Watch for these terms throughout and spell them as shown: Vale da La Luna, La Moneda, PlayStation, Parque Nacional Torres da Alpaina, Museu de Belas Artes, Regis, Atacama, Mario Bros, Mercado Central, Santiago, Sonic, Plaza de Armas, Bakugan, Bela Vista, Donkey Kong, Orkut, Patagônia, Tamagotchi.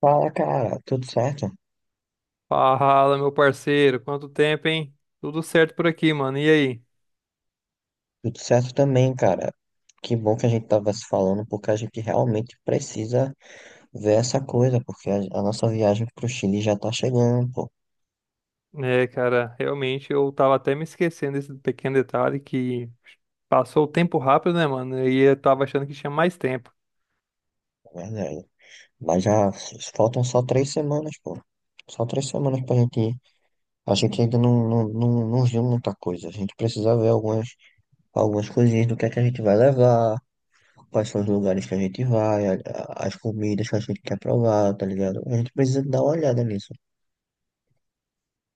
Fala, cara, tudo certo? Fala, meu parceiro, quanto tempo, hein? Tudo certo por aqui, mano. E aí? Tudo certo também, cara. Que bom que a gente tava se falando, porque a gente realmente precisa ver essa coisa, porque a nossa viagem pro Chile já tá chegando, pô, É, cara, realmente eu tava até me esquecendo desse pequeno detalhe que passou o tempo rápido, né, mano? E eu tava achando que tinha mais tempo. na verdade. Mas já faltam só 3 semanas, pô. Só 3 semanas pra gente ir. A gente ainda não viu muita coisa. A gente precisa ver algumas coisinhas do que é que a gente vai levar, quais são os lugares que a gente vai, as comidas que a gente quer provar, tá ligado? A gente precisa dar uma olhada nisso.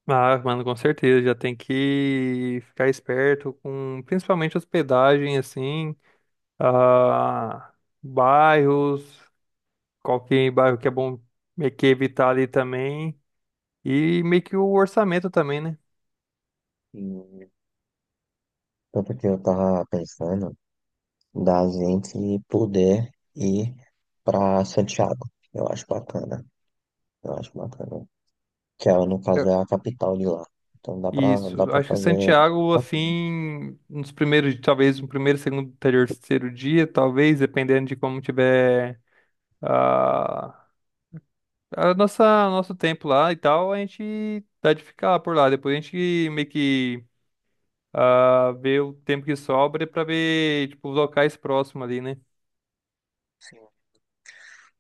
Ah, mano, com certeza, já tem que ficar esperto com principalmente hospedagem, assim, ah, bairros, qualquer bairro que é bom meio que evitar ali também, e meio que o orçamento também, né? Tanto que eu tava pensando da gente poder ir pra Santiago. Eu acho bacana. Eu acho bacana. Que é, no caso é a capital de lá. Então dá Isso. pra Acho que fazer. Santiago, assim, nos primeiros, talvez no primeiro, segundo, terceiro dia, talvez, dependendo de como tiver a, a nossa, nosso tempo lá e tal, a gente dá de ficar por lá. Depois a gente meio que vê o tempo que sobra pra ver, tipo, os locais próximos ali, né? Sim.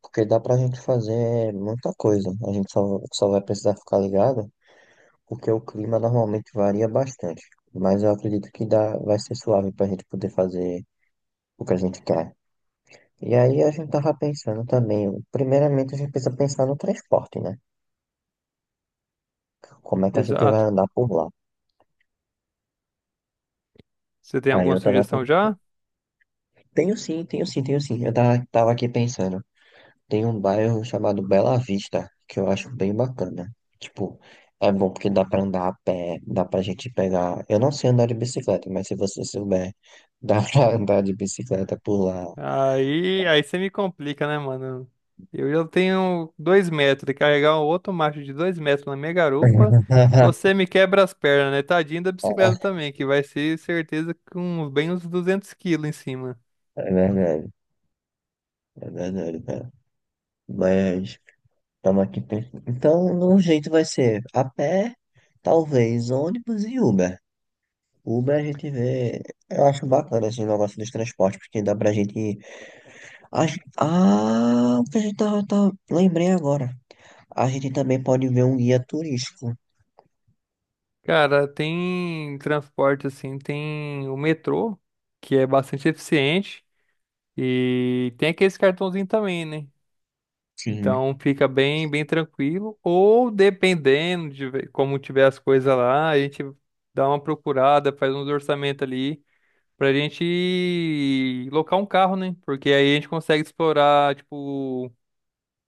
Porque dá pra gente fazer muita coisa. A gente só vai precisar ficar ligado, porque o clima normalmente varia bastante. Mas eu acredito que dá, vai ser suave pra gente poder fazer o que a gente quer. E aí a gente tava pensando também, primeiramente a gente precisa pensar no transporte, né? Como é que a gente vai Exato. andar por lá? Você tem Aí alguma eu tava sugestão pensando, já? tenho sim, tenho sim, tenho sim. Eu tava aqui pensando, tem um bairro chamado Bela Vista, que eu acho bem bacana. Tipo, é bom porque dá pra andar a pé, dá pra gente pegar. Eu não sei andar de bicicleta, mas se você souber, dá pra andar de bicicleta por lá. Aí você me complica, né, mano? Eu já tenho 2 metros e carregar um outro macho de 2 metros na minha garupa, você me quebra as pernas, né? Tadinho da bicicleta também, que vai ser certeza com bem uns 200 quilos em cima. É verdade, é verdade, cara. Mas estamos aqui pensando. Então, no jeito vai ser a pé, talvez ônibus e Uber. O Uber a gente vê. Eu acho bacana esse negócio dos transportes, porque dá pra gente. Ah, o que a gente tá, lembrei agora. A gente também pode ver um guia turístico. Cara, tem transporte assim, tem o metrô, que é bastante eficiente, e tem aqueles cartãozinho também, né? Sim, Então fica bem tranquilo. Ou dependendo de como tiver as coisas lá, a gente dá uma procurada, faz uns orçamentos ali pra gente locar um carro, né? Porque aí a gente consegue explorar, tipo,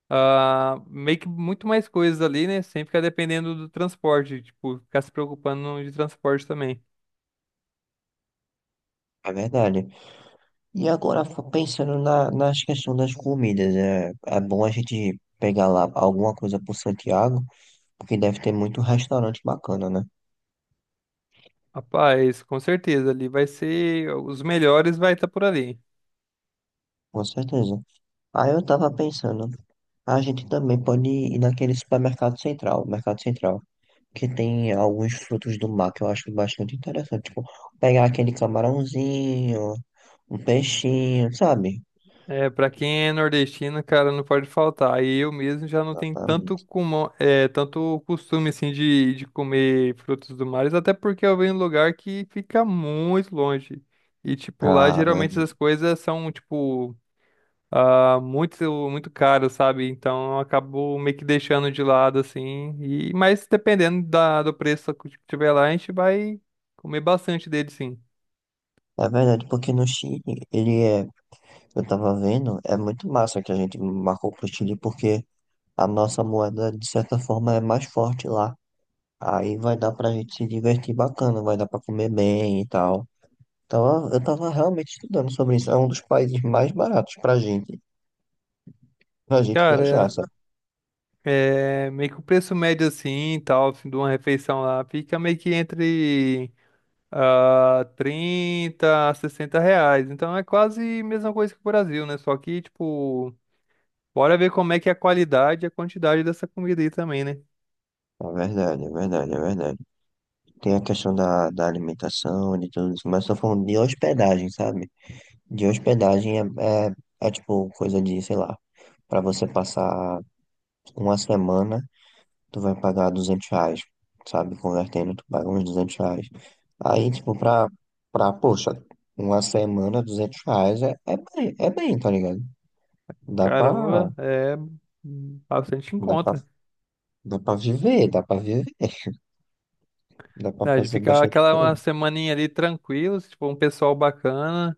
meio que muito mais coisas ali, né? Sem ficar dependendo do transporte, tipo, ficar se preocupando de transporte também. é verdade. E agora, pensando nas questões das comidas, é bom a gente pegar lá alguma coisa por Santiago, porque deve ter muito restaurante bacana, né? Rapaz, com certeza ali vai ser os melhores vai estar por ali. Com certeza. Aí eu tava pensando, a gente também pode ir naquele supermercado central, Mercado Central, que tem alguns frutos do mar que eu acho bastante interessante. Tipo, pegar aquele camarãozinho, um peixinho, sabe? É, pra quem é nordestino, cara, não pode faltar. Aí eu mesmo já não tenho tanto, Exatamente. cumão, é, tanto costume, assim, de comer frutos do mar, até porque eu venho em um lugar que fica muito longe. E, tipo, lá Ah, geralmente verdade. essas coisas são, tipo, muito caras, sabe? Então eu acabo meio que deixando de lado, assim. E, mas dependendo do preço que tiver lá, a gente vai comer bastante dele, sim. É verdade, porque no Chile, ele é, eu tava vendo, é muito massa que a gente marcou pro Chile, porque a nossa moeda, de certa forma, é mais forte lá. Aí vai dar pra gente se divertir bacana, vai dar pra comer bem e tal. Então, eu tava realmente estudando sobre isso. É um dos países mais baratos pra gente viajar, Cara, sabe? é, meio que o preço médio assim, e tal, assim, de uma refeição lá, fica meio que entre 30 a 60 reais. Então é quase a mesma coisa que o Brasil, né? Só que, tipo, bora ver como é que é a qualidade e a quantidade dessa comida aí também, né? É verdade, é verdade, é verdade. Tem a questão da, da alimentação, de tudo isso, mas tô falando de hospedagem, sabe? De hospedagem é tipo coisa de, sei lá, pra você passar uma semana, tu vai pagar R$ 200, sabe? Convertendo, tu paga uns R$ 200. Aí, tipo, poxa, uma semana, R$ 200 é bem, tá ligado? Dá pra, Caramba, é bastante em dá pra, conta, dá pra viver, dá pra né? De fazer ficar bastante aquela coisa. uma semaninha ali tranquilo, se tipo, um pessoal bacana,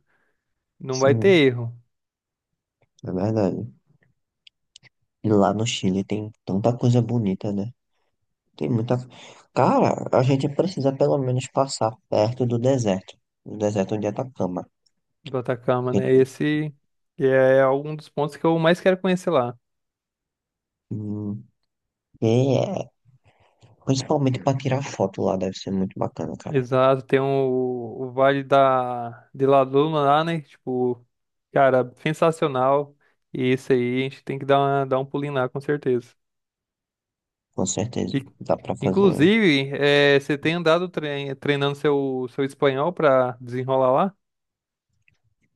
não vai ter Sim, erro é verdade. E lá no Chile tem tanta coisa bonita, né? Tem muita. Cara, a gente precisa pelo menos passar perto do deserto de Atacama. do Atacama, né? Porque, Esse que é algum dos pontos que eu mais quero conhecer lá. hum, e é- principalmente para tirar foto lá deve ser muito bacana, cara. Exato, tem um, o Vale da, de La Luna lá, né? Tipo, cara, sensacional. E isso aí, a gente tem que dar, dar um pulinho lá, com certeza. Com certeza. E, Dá para fazer. inclusive, você tem andado treinando seu, seu espanhol pra desenrolar lá?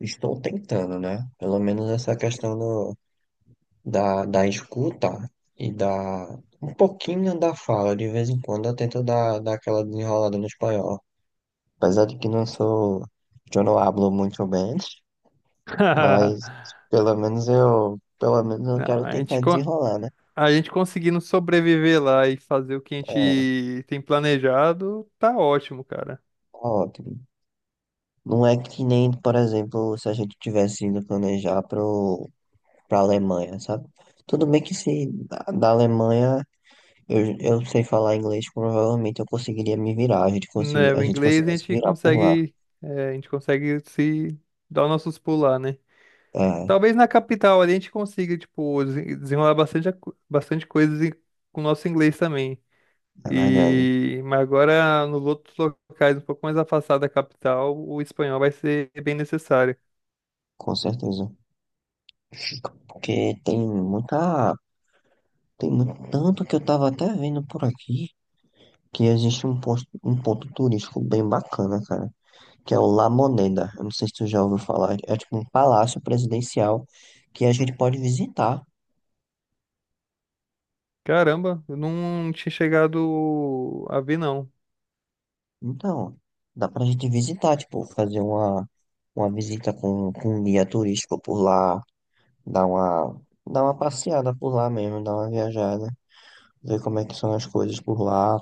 Estou tentando, né? Pelo menos essa questão da escuta e da. Um pouquinho da fala, de vez em quando eu tento dar aquela desenrolada no espanhol. Apesar de que não sou, eu não hablo muito bem, mas pelo menos eu Não, quero tentar desenrolar, né? a gente conseguindo sobreviver lá e fazer o que a É, gente tem planejado, tá ótimo, cara. tá ótimo. Não é que nem, por exemplo, se a gente tivesse ido planejar pra Alemanha, sabe? Tudo bem que se da Alemanha eu sei falar inglês, provavelmente eu conseguiria me virar, Né, a o gente inglês a conseguiria se gente virar por lá. consegue, a gente consegue se dar os nossos pulos lá, né? É, Talvez na capital ali a gente consiga, tipo, desenrolar bastante, bastante coisas com o nosso inglês também. é verdade, E mas agora nos outros locais um pouco mais afastados da capital, o espanhol vai ser bem necessário. com certeza. Porque tem muita Tem muito, tanto que eu tava até vendo por aqui que existe um ponto turístico bem bacana, cara, que é o La Moneda. Eu não sei se tu já ouviu falar. É tipo um palácio presidencial que a gente pode visitar. Caramba, eu não tinha chegado a ver não. Então, dá pra gente visitar, tipo, fazer uma visita com um guia turístico por lá, dar uma, dar uma passeada por lá mesmo, dar uma viajada, ver como é que são as coisas por lá.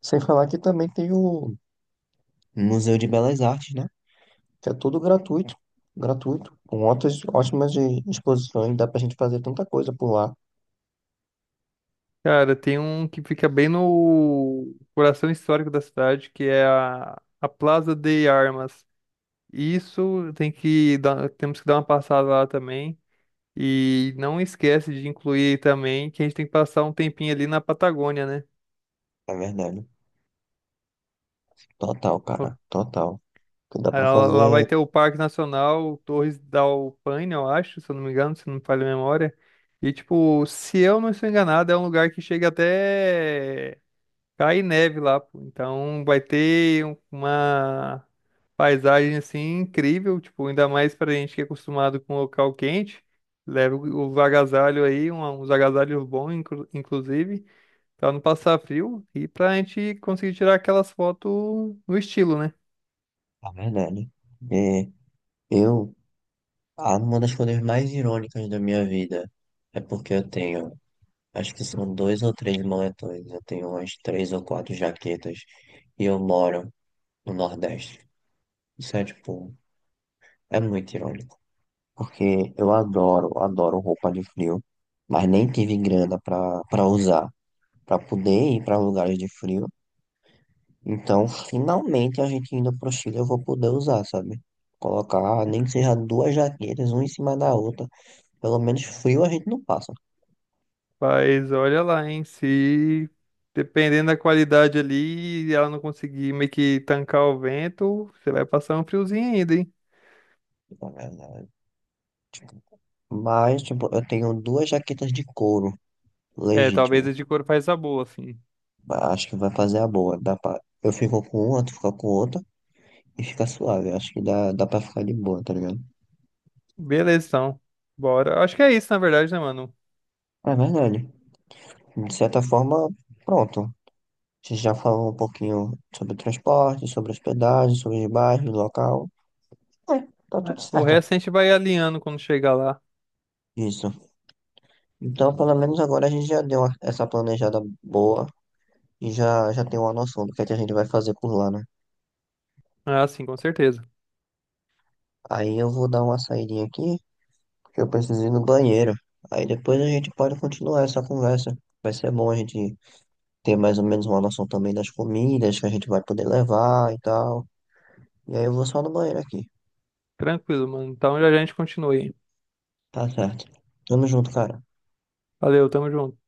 Sem falar que também tem o Museu de Belas Artes, né? Que é tudo gratuito, gratuito, com ótimas exposições, dá pra gente fazer tanta coisa por lá. Cara, tem um que fica bem no coração histórico da cidade, que é a Plaza de Armas. Isso tem que dar, temos que dar uma passada lá também. E não esquece de incluir também que a gente tem que passar um tempinho ali na Patagônia, né? É verdade. Total, Ó, cara, total. Que dá pra lá lá vai fazer, ter o Parque Nacional Torres da Alpaina, eu acho, se eu não me engano, se não me falha a memória. E, tipo, se eu não estou enganado, é um lugar que chega até cai neve lá, pô. Então vai ter uma paisagem, assim, incrível, tipo, ainda mais pra gente que é acostumado com local quente. Leva os agasalhos aí, uns agasalhos bons, inclusive. Pra não passar frio e pra gente conseguir tirar aquelas fotos no estilo, né? é verdade. E eu, ah, uma das coisas mais irônicas da minha vida é porque acho que são dois ou três moletões, eu tenho umas três ou quatro jaquetas e eu moro no Nordeste. Isso é tipo, é muito irônico. Porque eu adoro roupa de frio, mas nem tive grana pra usar, pra poder ir pra lugares de frio. Então, finalmente, a gente indo pro Chile, eu vou poder usar, sabe? Colocar, nem que seja duas jaquetas, uma em cima da outra. Pelo menos frio a gente não passa. Mas olha lá, hein? Se dependendo da qualidade ali, ela não conseguir meio que tancar o vento, você vai passar um friozinho ainda, hein? É, né, tipo, mas, tipo, eu tenho duas jaquetas de couro, É, talvez a legítimo. de couro faz a boa, assim. Acho que vai fazer a boa. Dá pra... Eu fico com uma, tu fica com outra, e fica suave. Acho que dá pra ficar de boa, tá ligado? Beleza, então. Bora. Acho que é isso, na verdade, né, mano? É verdade. De certa forma, pronto. Você já falou um pouquinho sobre o transporte, sobre hospedagem, sobre os bairros, local. É, tá É, tudo o certo. resto a gente vai alinhando quando chegar lá. Isso. Então, pelo menos agora a gente já deu essa planejada boa e já tem uma noção do que é que a gente vai fazer por lá, né? Ah, sim, com certeza. Aí eu vou dar uma saidinha aqui, porque eu preciso ir no banheiro. Aí depois a gente pode continuar essa conversa. Vai ser bom a gente ter mais ou menos uma noção também das comidas que a gente vai poder levar e tal. E aí eu vou só no banheiro aqui. Tranquilo, mano. Então já a gente continua aí. Tá certo. Tamo junto, cara. Valeu, tamo junto.